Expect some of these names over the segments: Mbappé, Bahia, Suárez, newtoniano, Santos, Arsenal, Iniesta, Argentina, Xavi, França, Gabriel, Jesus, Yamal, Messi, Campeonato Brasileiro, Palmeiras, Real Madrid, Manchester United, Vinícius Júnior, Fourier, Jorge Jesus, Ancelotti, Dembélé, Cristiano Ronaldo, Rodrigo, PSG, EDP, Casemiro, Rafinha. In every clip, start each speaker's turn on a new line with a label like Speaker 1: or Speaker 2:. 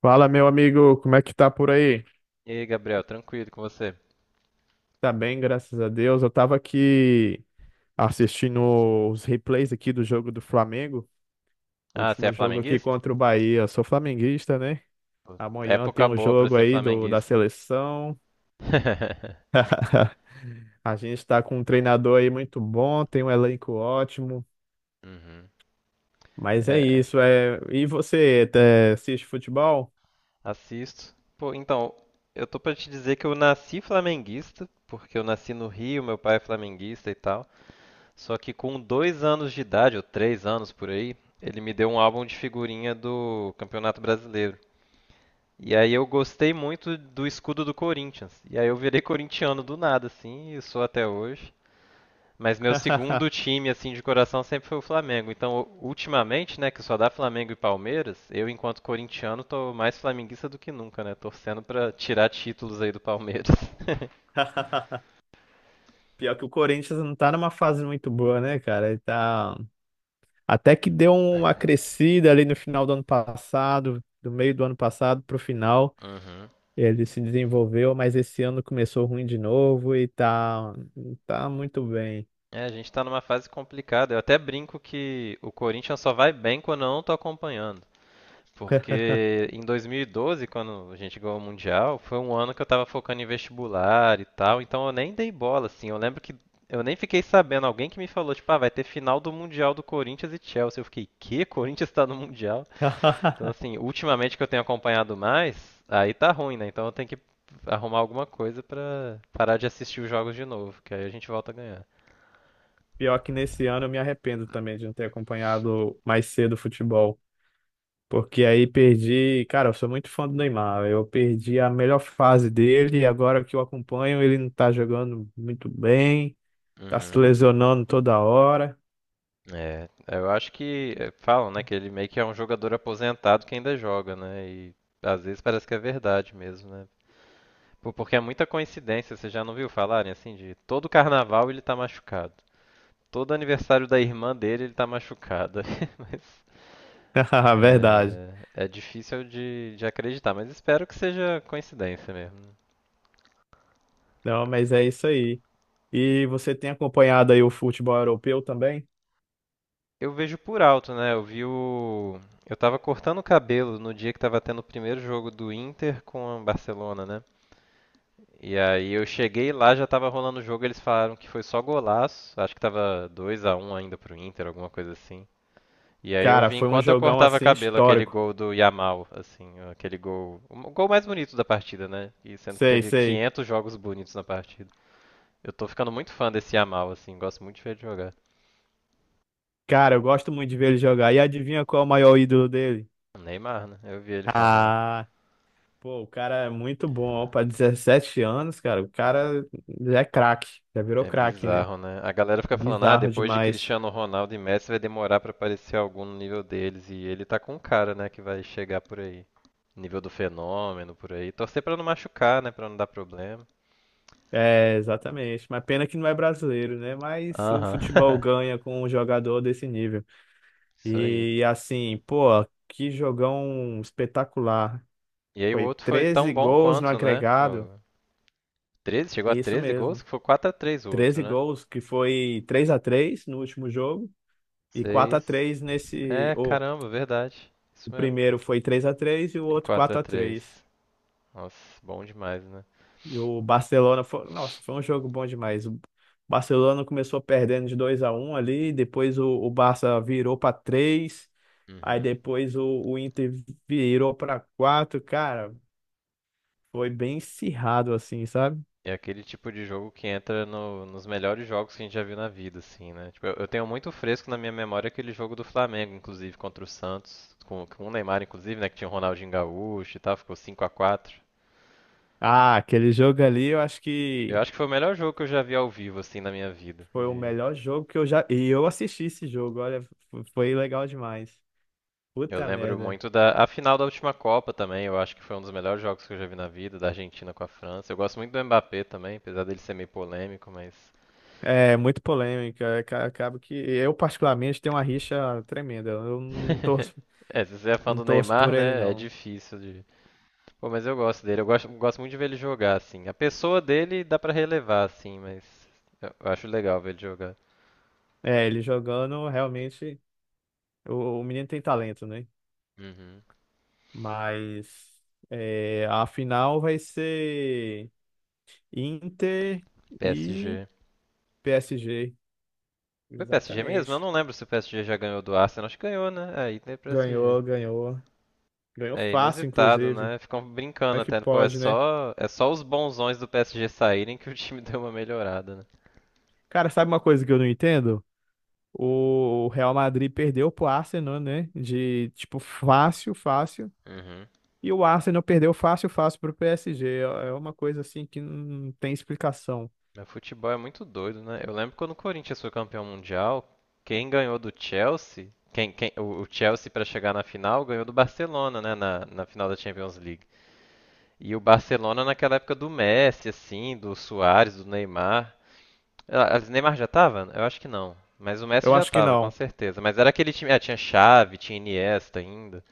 Speaker 1: Fala, meu amigo, como é que tá por aí?
Speaker 2: E aí, Gabriel, tranquilo com você?
Speaker 1: Tá bem, graças a Deus. Eu tava aqui assistindo os replays aqui do jogo do Flamengo,
Speaker 2: Ah, você é
Speaker 1: último jogo aqui
Speaker 2: flamenguista?
Speaker 1: contra o Bahia. Eu sou flamenguista, né?
Speaker 2: Pô,
Speaker 1: Amanhã tem
Speaker 2: época
Speaker 1: um
Speaker 2: boa pra
Speaker 1: jogo
Speaker 2: ser
Speaker 1: aí da
Speaker 2: flamenguista.
Speaker 1: seleção. A gente tá com um treinador aí muito bom, tem um elenco ótimo.
Speaker 2: Uhum.
Speaker 1: Mas é
Speaker 2: É,
Speaker 1: isso, é. E você, assiste futebol?
Speaker 2: assisto. Pô, então, eu tô pra te dizer que eu nasci flamenguista, porque eu nasci no Rio, meu pai é flamenguista e tal. Só que com dois anos de idade, ou três anos por aí, ele me deu um álbum de figurinha do Campeonato Brasileiro. E aí eu gostei muito do escudo do Corinthians. E aí eu virei corintiano do nada, assim, e sou até hoje. Mas meu segundo time, assim, de coração sempre foi o Flamengo. Então, ultimamente, né, que só dá Flamengo e Palmeiras, eu, enquanto corintiano, tô mais flamenguista do que nunca, né? Torcendo pra tirar títulos aí do Palmeiras.
Speaker 1: Pior que o Corinthians não tá numa fase muito boa, né, cara? Ele tá. Até que deu uma crescida ali no final do ano passado, do meio do ano passado para o final,
Speaker 2: Uhum.
Speaker 1: ele se desenvolveu, mas esse ano começou ruim de novo e tá muito bem.
Speaker 2: É, a gente tá numa fase complicada. Eu até brinco que o Corinthians só vai bem quando eu não tô acompanhando. Porque em 2012, quando a gente ganhou o Mundial, foi um ano que eu tava focando em vestibular e tal, então eu nem dei bola, assim. Eu lembro que eu nem fiquei sabendo. Alguém que me falou, tipo, ah, vai ter final do Mundial do Corinthians e Chelsea. Eu fiquei, que? Corinthians tá no Mundial? Então, assim, ultimamente que eu tenho acompanhado mais, aí tá ruim, né? Então eu tenho que arrumar alguma coisa pra parar de assistir os jogos de novo, que aí a gente volta a ganhar.
Speaker 1: Pior que nesse ano eu me arrependo também de não ter acompanhado mais cedo o futebol, porque aí perdi, cara, eu sou muito fã do Neymar, eu perdi a melhor fase dele e agora que eu acompanho ele não tá jogando muito bem, tá se
Speaker 2: Uhum.
Speaker 1: lesionando toda hora.
Speaker 2: É, eu acho que é, falam, né, que ele meio que é um jogador aposentado que ainda joga, né? E às vezes parece que é verdade mesmo, né? Pô, porque é muita coincidência, você já não viu falarem assim de todo carnaval ele tá machucado. Todo aniversário da irmã dele ele tá machucado. Mas
Speaker 1: Verdade.
Speaker 2: é, é difícil de acreditar, mas espero que seja coincidência mesmo, né?
Speaker 1: Não, mas é isso aí. E você tem acompanhado aí o futebol europeu também?
Speaker 2: Eu vejo por alto, né? Eu vi o. Eu tava cortando o cabelo no dia que tava tendo o primeiro jogo do Inter com o Barcelona, né? E aí eu cheguei lá, já tava rolando o jogo, eles falaram que foi só golaço. Acho que tava 2 a um ainda pro Inter, alguma coisa assim. E aí eu
Speaker 1: Cara,
Speaker 2: vi
Speaker 1: foi um
Speaker 2: enquanto eu
Speaker 1: jogão
Speaker 2: cortava
Speaker 1: assim
Speaker 2: cabelo aquele
Speaker 1: histórico.
Speaker 2: gol do Yamal, assim, aquele gol, o gol mais bonito da partida, né? E sendo que
Speaker 1: Sei,
Speaker 2: teve
Speaker 1: sei.
Speaker 2: 500 jogos bonitos na partida. Eu tô ficando muito fã desse Yamal, assim, gosto muito de ver ele jogar.
Speaker 1: Cara, eu gosto muito de ver ele jogar. E adivinha qual é o maior ídolo dele?
Speaker 2: Neymar, né? Eu vi ele falando.
Speaker 1: Ah, pô, o cara é muito bom. Para 17 anos, cara, o cara é craque. Já virou
Speaker 2: É
Speaker 1: craque, né?
Speaker 2: bizarro, né? A galera fica falando, ah,
Speaker 1: Bizarro
Speaker 2: depois de
Speaker 1: demais.
Speaker 2: Cristiano Ronaldo e Messi vai demorar pra aparecer algum no nível deles. E ele tá com um cara, né, que vai chegar por aí. Nível do fenômeno, por aí. Torcer pra não machucar, né, pra não dar problema.
Speaker 1: É, exatamente. Mas pena que não é brasileiro, né? Mas o
Speaker 2: Aham,
Speaker 1: futebol ganha com um jogador desse nível.
Speaker 2: isso aí.
Speaker 1: E assim, pô, que jogão espetacular.
Speaker 2: E aí o
Speaker 1: Foi
Speaker 2: outro foi tão
Speaker 1: 13
Speaker 2: bom
Speaker 1: gols no
Speaker 2: quanto, né?
Speaker 1: agregado.
Speaker 2: O 13, chegou a
Speaker 1: Isso
Speaker 2: treze gols,
Speaker 1: mesmo.
Speaker 2: que foi quatro a três o outro,
Speaker 1: treze
Speaker 2: né?
Speaker 1: gols, que foi 3-3 no último jogo e 4 a
Speaker 2: 6.
Speaker 1: 3 nesse,
Speaker 2: É, caramba, verdade.
Speaker 1: o
Speaker 2: Isso mesmo.
Speaker 1: primeiro foi 3-3 e o
Speaker 2: E
Speaker 1: outro
Speaker 2: quatro a
Speaker 1: quatro a
Speaker 2: três.
Speaker 1: três
Speaker 2: Nossa, bom demais, né?
Speaker 1: E o Barcelona foi, nossa, foi um jogo bom demais. O Barcelona começou perdendo de 2-1 ali, depois o Barça virou para três, aí
Speaker 2: Uhum.
Speaker 1: depois o Inter virou para quatro, cara. Foi bem acirrado, assim, sabe?
Speaker 2: É aquele tipo de jogo que entra nos melhores jogos que a gente já viu na vida, assim, né? Tipo, eu tenho muito fresco na minha memória aquele jogo do Flamengo, inclusive, contra o Santos, com o Neymar, inclusive, né? Que tinha o Ronaldinho Gaúcho e tal, ficou 5 a 4.
Speaker 1: Ah, aquele jogo ali, eu acho
Speaker 2: Eu
Speaker 1: que
Speaker 2: acho que foi o melhor jogo que eu já vi ao vivo, assim, na minha vida.
Speaker 1: foi o melhor jogo que eu já. E eu assisti esse jogo, olha, foi legal demais.
Speaker 2: Eu
Speaker 1: Puta
Speaker 2: lembro
Speaker 1: merda.
Speaker 2: muito da a final da última Copa também, eu acho que foi um dos melhores jogos que eu já vi na vida, da Argentina com a França. Eu gosto muito do Mbappé também, apesar dele ser meio polêmico, mas.
Speaker 1: É, muito polêmica. Acaba que eu, particularmente, tenho uma rixa tremenda. Eu não torço,
Speaker 2: É, se você é fã
Speaker 1: não
Speaker 2: do
Speaker 1: torço
Speaker 2: Neymar,
Speaker 1: por ele,
Speaker 2: né? É
Speaker 1: não.
Speaker 2: difícil de. Pô, mas eu gosto dele. Eu gosto, gosto muito de ver ele jogar, assim. A pessoa dele dá pra relevar, assim, mas eu acho legal ver ele jogar.
Speaker 1: É, ele jogando, realmente, o menino tem talento, né?
Speaker 2: Uhum.
Speaker 1: Mas é, a final vai ser Inter e
Speaker 2: PSG.
Speaker 1: PSG.
Speaker 2: Foi PSG mesmo? Eu
Speaker 1: Exatamente.
Speaker 2: não lembro se o PSG já ganhou do Arsenal. Acho que ganhou, né? É, aí tem PSG.
Speaker 1: Ganhou, ganhou. Ganhou
Speaker 2: É
Speaker 1: fácil,
Speaker 2: inusitado,
Speaker 1: inclusive.
Speaker 2: né? Ficam brincando
Speaker 1: Como é que
Speaker 2: até. Pô,
Speaker 1: pode, né?
Speaker 2: é só os bonzões do PSG saírem que o time deu uma melhorada, né?
Speaker 1: Cara, sabe uma coisa que eu não entendo? O Real Madrid perdeu pro Arsenal, né? De tipo, fácil, fácil.
Speaker 2: Uhum.
Speaker 1: E o Arsenal perdeu fácil, fácil pro PSG. É uma coisa assim que não tem explicação.
Speaker 2: O futebol é muito doido, né? Eu lembro quando o Corinthians foi campeão mundial, quem ganhou do Chelsea, o Chelsea para chegar na final ganhou do Barcelona, né? Na final da Champions League. E o Barcelona naquela época do Messi, assim, do Suárez, do Neymar. Ah, o Neymar já tava? Eu acho que não. Mas o Messi
Speaker 1: Eu
Speaker 2: já
Speaker 1: acho que
Speaker 2: tava, com
Speaker 1: não.
Speaker 2: certeza. Mas era aquele time. Ah, tinha Xavi, tinha Iniesta ainda.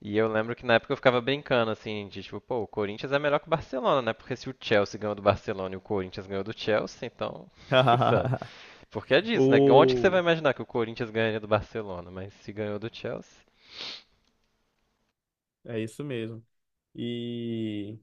Speaker 2: E eu lembro que na época eu ficava brincando, assim, de tipo, pô, o Corinthians é melhor que o Barcelona, né? Porque se o Chelsea ganhou do Barcelona e o Corinthians ganhou do Chelsea, então, sabe? Porque é disso, né? Onde que você vai
Speaker 1: O...
Speaker 2: imaginar que o Corinthians ganharia do Barcelona? Mas se ganhou do Chelsea,
Speaker 1: É isso mesmo. E.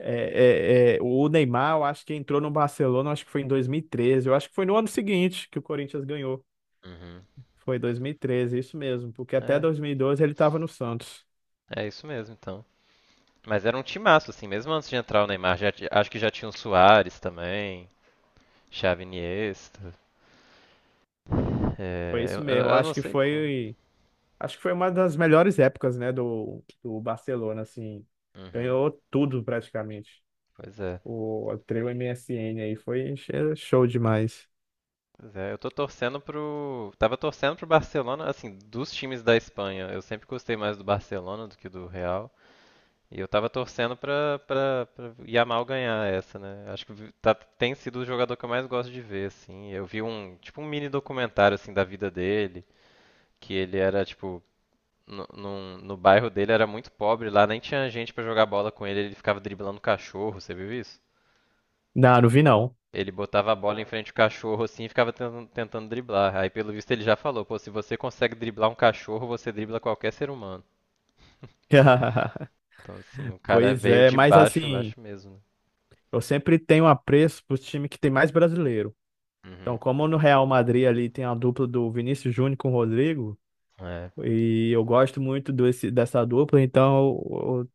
Speaker 1: o Neymar, eu acho que entrou no Barcelona, eu acho que foi em 2013, eu acho que foi no ano seguinte que o Corinthians ganhou.
Speaker 2: uhum,
Speaker 1: Foi 2013, isso mesmo, porque até
Speaker 2: é,
Speaker 1: 2012 ele estava no Santos.
Speaker 2: é isso mesmo, então. Mas era um timaço, assim, mesmo antes de entrar o Neymar, acho que já tinha o Suárez também, Xavi Iniesta,
Speaker 1: Foi
Speaker 2: é,
Speaker 1: isso mesmo.
Speaker 2: eu não sei como.
Speaker 1: Acho que foi uma das melhores épocas, né, do Barcelona, assim.
Speaker 2: Uhum.
Speaker 1: Ganhou tudo praticamente.
Speaker 2: Pois é.
Speaker 1: O trio MSN aí foi show demais.
Speaker 2: É, eu tô torcendo pro. Tava torcendo pro Barcelona, assim, dos times da Espanha. Eu sempre gostei mais do Barcelona do que do Real. E eu tava torcendo pra Yamal ganhar essa, né? Acho que tem sido o jogador que eu mais gosto de ver, assim. Eu vi um, tipo, um mini documentário, assim, da vida dele, que ele era, tipo, no bairro dele era muito pobre, lá nem tinha gente pra jogar bola com ele, ele ficava driblando cachorro, você viu isso?
Speaker 1: Não, não vi não.
Speaker 2: Ele botava a bola em frente ao cachorro assim e ficava tentando, tentando driblar. Aí, pelo visto, ele já falou: pô, se você consegue driblar um cachorro, você dribla qualquer ser humano. Então, assim, o cara
Speaker 1: Pois
Speaker 2: veio
Speaker 1: é,
Speaker 2: de
Speaker 1: mas
Speaker 2: baixo,
Speaker 1: assim,
Speaker 2: baixo mesmo.
Speaker 1: eu sempre tenho apreço pro time que tem mais brasileiro.
Speaker 2: Né?
Speaker 1: Então,
Speaker 2: Uhum.
Speaker 1: como no Real Madrid ali tem a dupla do Vinícius Júnior com o Rodrigo,
Speaker 2: É.
Speaker 1: e eu gosto muito desse, dessa dupla, então eu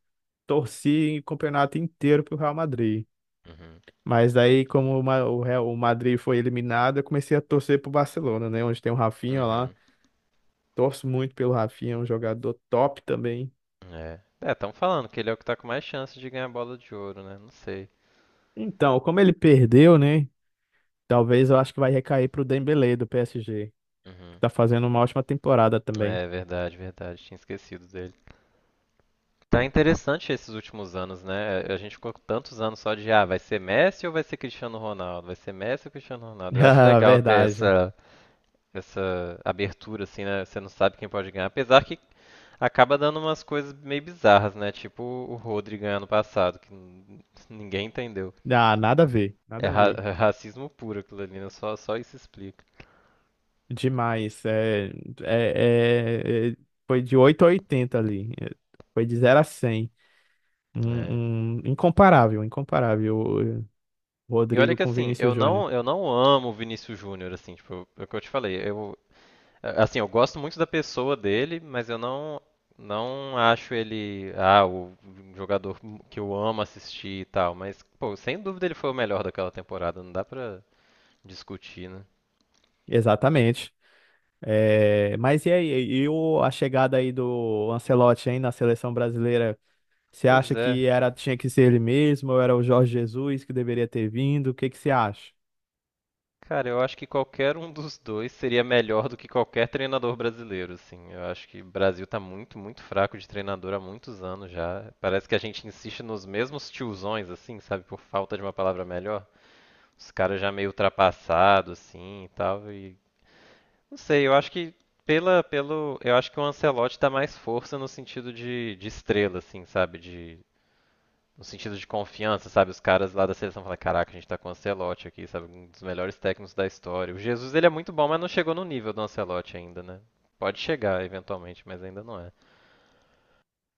Speaker 1: torci o campeonato inteiro pro Real Madrid.
Speaker 2: Uhum.
Speaker 1: Mas aí, como o, Ma- o Real, o Madrid foi eliminado, eu comecei a torcer pro Barcelona, né? Onde tem o Rafinha lá.
Speaker 2: Uhum.
Speaker 1: Torço muito pelo Rafinha, é um jogador top também.
Speaker 2: É. É, estão falando que ele é o que tá com mais chance de ganhar a bola de ouro, né? Não sei.
Speaker 1: Então, como ele perdeu, né? Talvez eu acho que vai recair pro Dembélé do PSG, que
Speaker 2: Uhum.
Speaker 1: tá fazendo uma ótima temporada também.
Speaker 2: É verdade, verdade. Tinha esquecido dele. Tá interessante esses últimos anos, né? A gente ficou com tantos anos só de ah, vai ser Messi ou vai ser Cristiano Ronaldo? Vai ser Messi ou Cristiano Ronaldo? Eu acho
Speaker 1: Ah,
Speaker 2: legal ter
Speaker 1: verdade.
Speaker 2: essa abertura, assim, né? Você não sabe quem pode ganhar. Apesar que acaba dando umas coisas meio bizarras, né? Tipo o Rodri ganhar no passado, que ninguém entendeu.
Speaker 1: Ah, nada a ver,
Speaker 2: É,
Speaker 1: nada a ver.
Speaker 2: é racismo puro aquilo ali, né? Só isso explica.
Speaker 1: Demais. É, é- é- foi de 8 a 80 ali. Foi de zero a cem.
Speaker 2: É.
Speaker 1: Incomparável, incomparável. O
Speaker 2: E olha
Speaker 1: Rodrigo
Speaker 2: que
Speaker 1: com o
Speaker 2: assim,
Speaker 1: Vinícius Júnior.
Speaker 2: eu não amo o Vinícius Júnior, assim, tipo, é o que eu te falei. Eu gosto muito da pessoa dele, mas eu não, não acho ele, ah, o jogador que eu amo assistir e tal. Mas, pô, sem dúvida ele foi o melhor daquela temporada, não dá pra discutir, né?
Speaker 1: Exatamente. É, mas e aí? E a chegada aí do Ancelotti, hein, na seleção brasileira? Você
Speaker 2: Pois
Speaker 1: acha
Speaker 2: é.
Speaker 1: que era, tinha que ser ele mesmo ou era o Jorge Jesus que deveria ter vindo? O que que você acha?
Speaker 2: Cara, eu acho que qualquer um dos dois seria melhor do que qualquer treinador brasileiro, assim. Eu acho que o Brasil tá muito, muito fraco de treinador há muitos anos já. Parece que a gente insiste nos mesmos tiozões, assim, sabe? Por falta de uma palavra melhor. Os caras já meio ultrapassados, assim, e tal. E não sei, eu acho que eu acho que o Ancelotti dá mais força no sentido de estrela, assim, sabe? De no sentido de confiança, sabe? Os caras lá da seleção falam, caraca, a gente tá com o Ancelotti aqui, sabe? Um dos melhores técnicos da história. O Jesus, ele é muito bom, mas não chegou no nível do Ancelotti ainda, né? Pode chegar, eventualmente, mas ainda não é.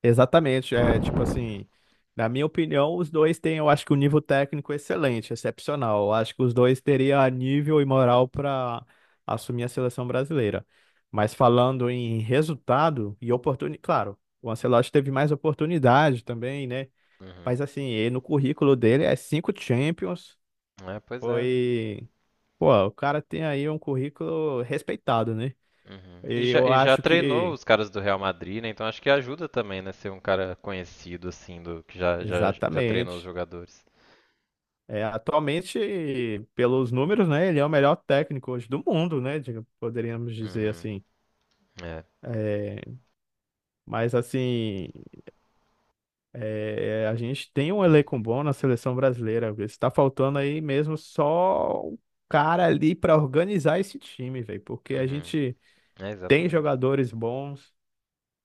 Speaker 1: Exatamente, é tipo assim, na minha opinião, os dois têm, eu acho que um nível técnico excelente, excepcional. Eu acho que os dois teriam nível e moral para assumir a seleção brasileira. Mas falando em resultado e oportunidade, claro, o Ancelotti teve mais oportunidade também, né?
Speaker 2: Uhum.
Speaker 1: Mas assim, no currículo dele é cinco Champions,
Speaker 2: É, pois é.
Speaker 1: foi, pô, o cara tem aí um currículo respeitado, né?
Speaker 2: Uhum. E,
Speaker 1: E
Speaker 2: já,
Speaker 1: eu
Speaker 2: e já
Speaker 1: acho
Speaker 2: treinou
Speaker 1: que
Speaker 2: os caras do Real Madrid, né? Então acho que ajuda também, né? Ser um cara conhecido, assim, do que já treinou os
Speaker 1: exatamente.
Speaker 2: jogadores.
Speaker 1: É, atualmente, pelos números, né, ele é o melhor técnico hoje do mundo, né, poderíamos dizer
Speaker 2: Uhum.
Speaker 1: assim.
Speaker 2: É.
Speaker 1: É, mas assim, a gente tem um elenco bom na seleção brasileira. Está faltando aí mesmo só o cara ali para organizar esse time, velho, porque a
Speaker 2: Uhum.
Speaker 1: gente
Speaker 2: É,
Speaker 1: tem
Speaker 2: exatamente.
Speaker 1: jogadores bons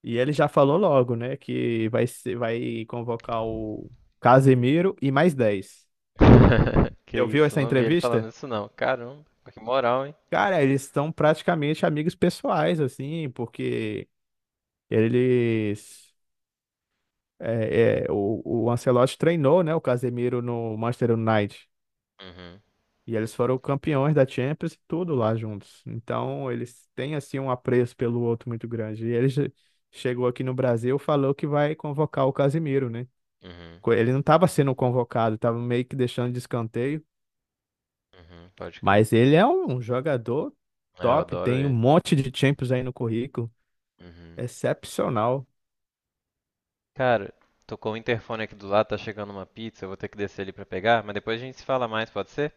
Speaker 1: e ele já falou logo, né, que vai convocar o Casemiro e mais 10.
Speaker 2: Que
Speaker 1: Você ouviu
Speaker 2: isso,
Speaker 1: essa
Speaker 2: não vi ele falando
Speaker 1: entrevista?
Speaker 2: isso não. Caramba, que moral, hein?
Speaker 1: Cara, eles estão praticamente amigos pessoais, assim, porque eles. O Ancelotti treinou, né, o Casemiro no Manchester United.
Speaker 2: Uhum.
Speaker 1: E eles foram campeões da Champions e tudo lá juntos. Então, eles têm, assim, um apreço pelo outro muito grande. E ele chegou aqui no Brasil, falou que vai convocar o Casemiro, né?
Speaker 2: Uhum.
Speaker 1: Ele não estava sendo convocado, estava meio que deixando de escanteio.
Speaker 2: Uhum. Pode crer.
Speaker 1: Mas ele é um jogador
Speaker 2: Ah, eu
Speaker 1: top,
Speaker 2: adoro
Speaker 1: tem um
Speaker 2: ele.
Speaker 1: monte de Champions aí no currículo.
Speaker 2: Uhum.
Speaker 1: Excepcional.
Speaker 2: Cara, tocou o interfone aqui do lado, tá chegando uma pizza, eu vou ter que descer ali pra pegar, mas depois a gente se fala mais, pode ser?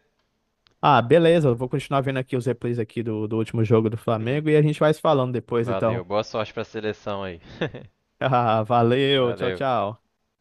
Speaker 1: Ah, beleza, eu vou continuar vendo aqui os replays aqui do último jogo do
Speaker 2: Uhum.
Speaker 1: Flamengo e a gente vai se falando depois,
Speaker 2: Valeu,
Speaker 1: então.
Speaker 2: boa sorte pra seleção aí.
Speaker 1: Ah, valeu, tchau,
Speaker 2: Valeu.
Speaker 1: tchau.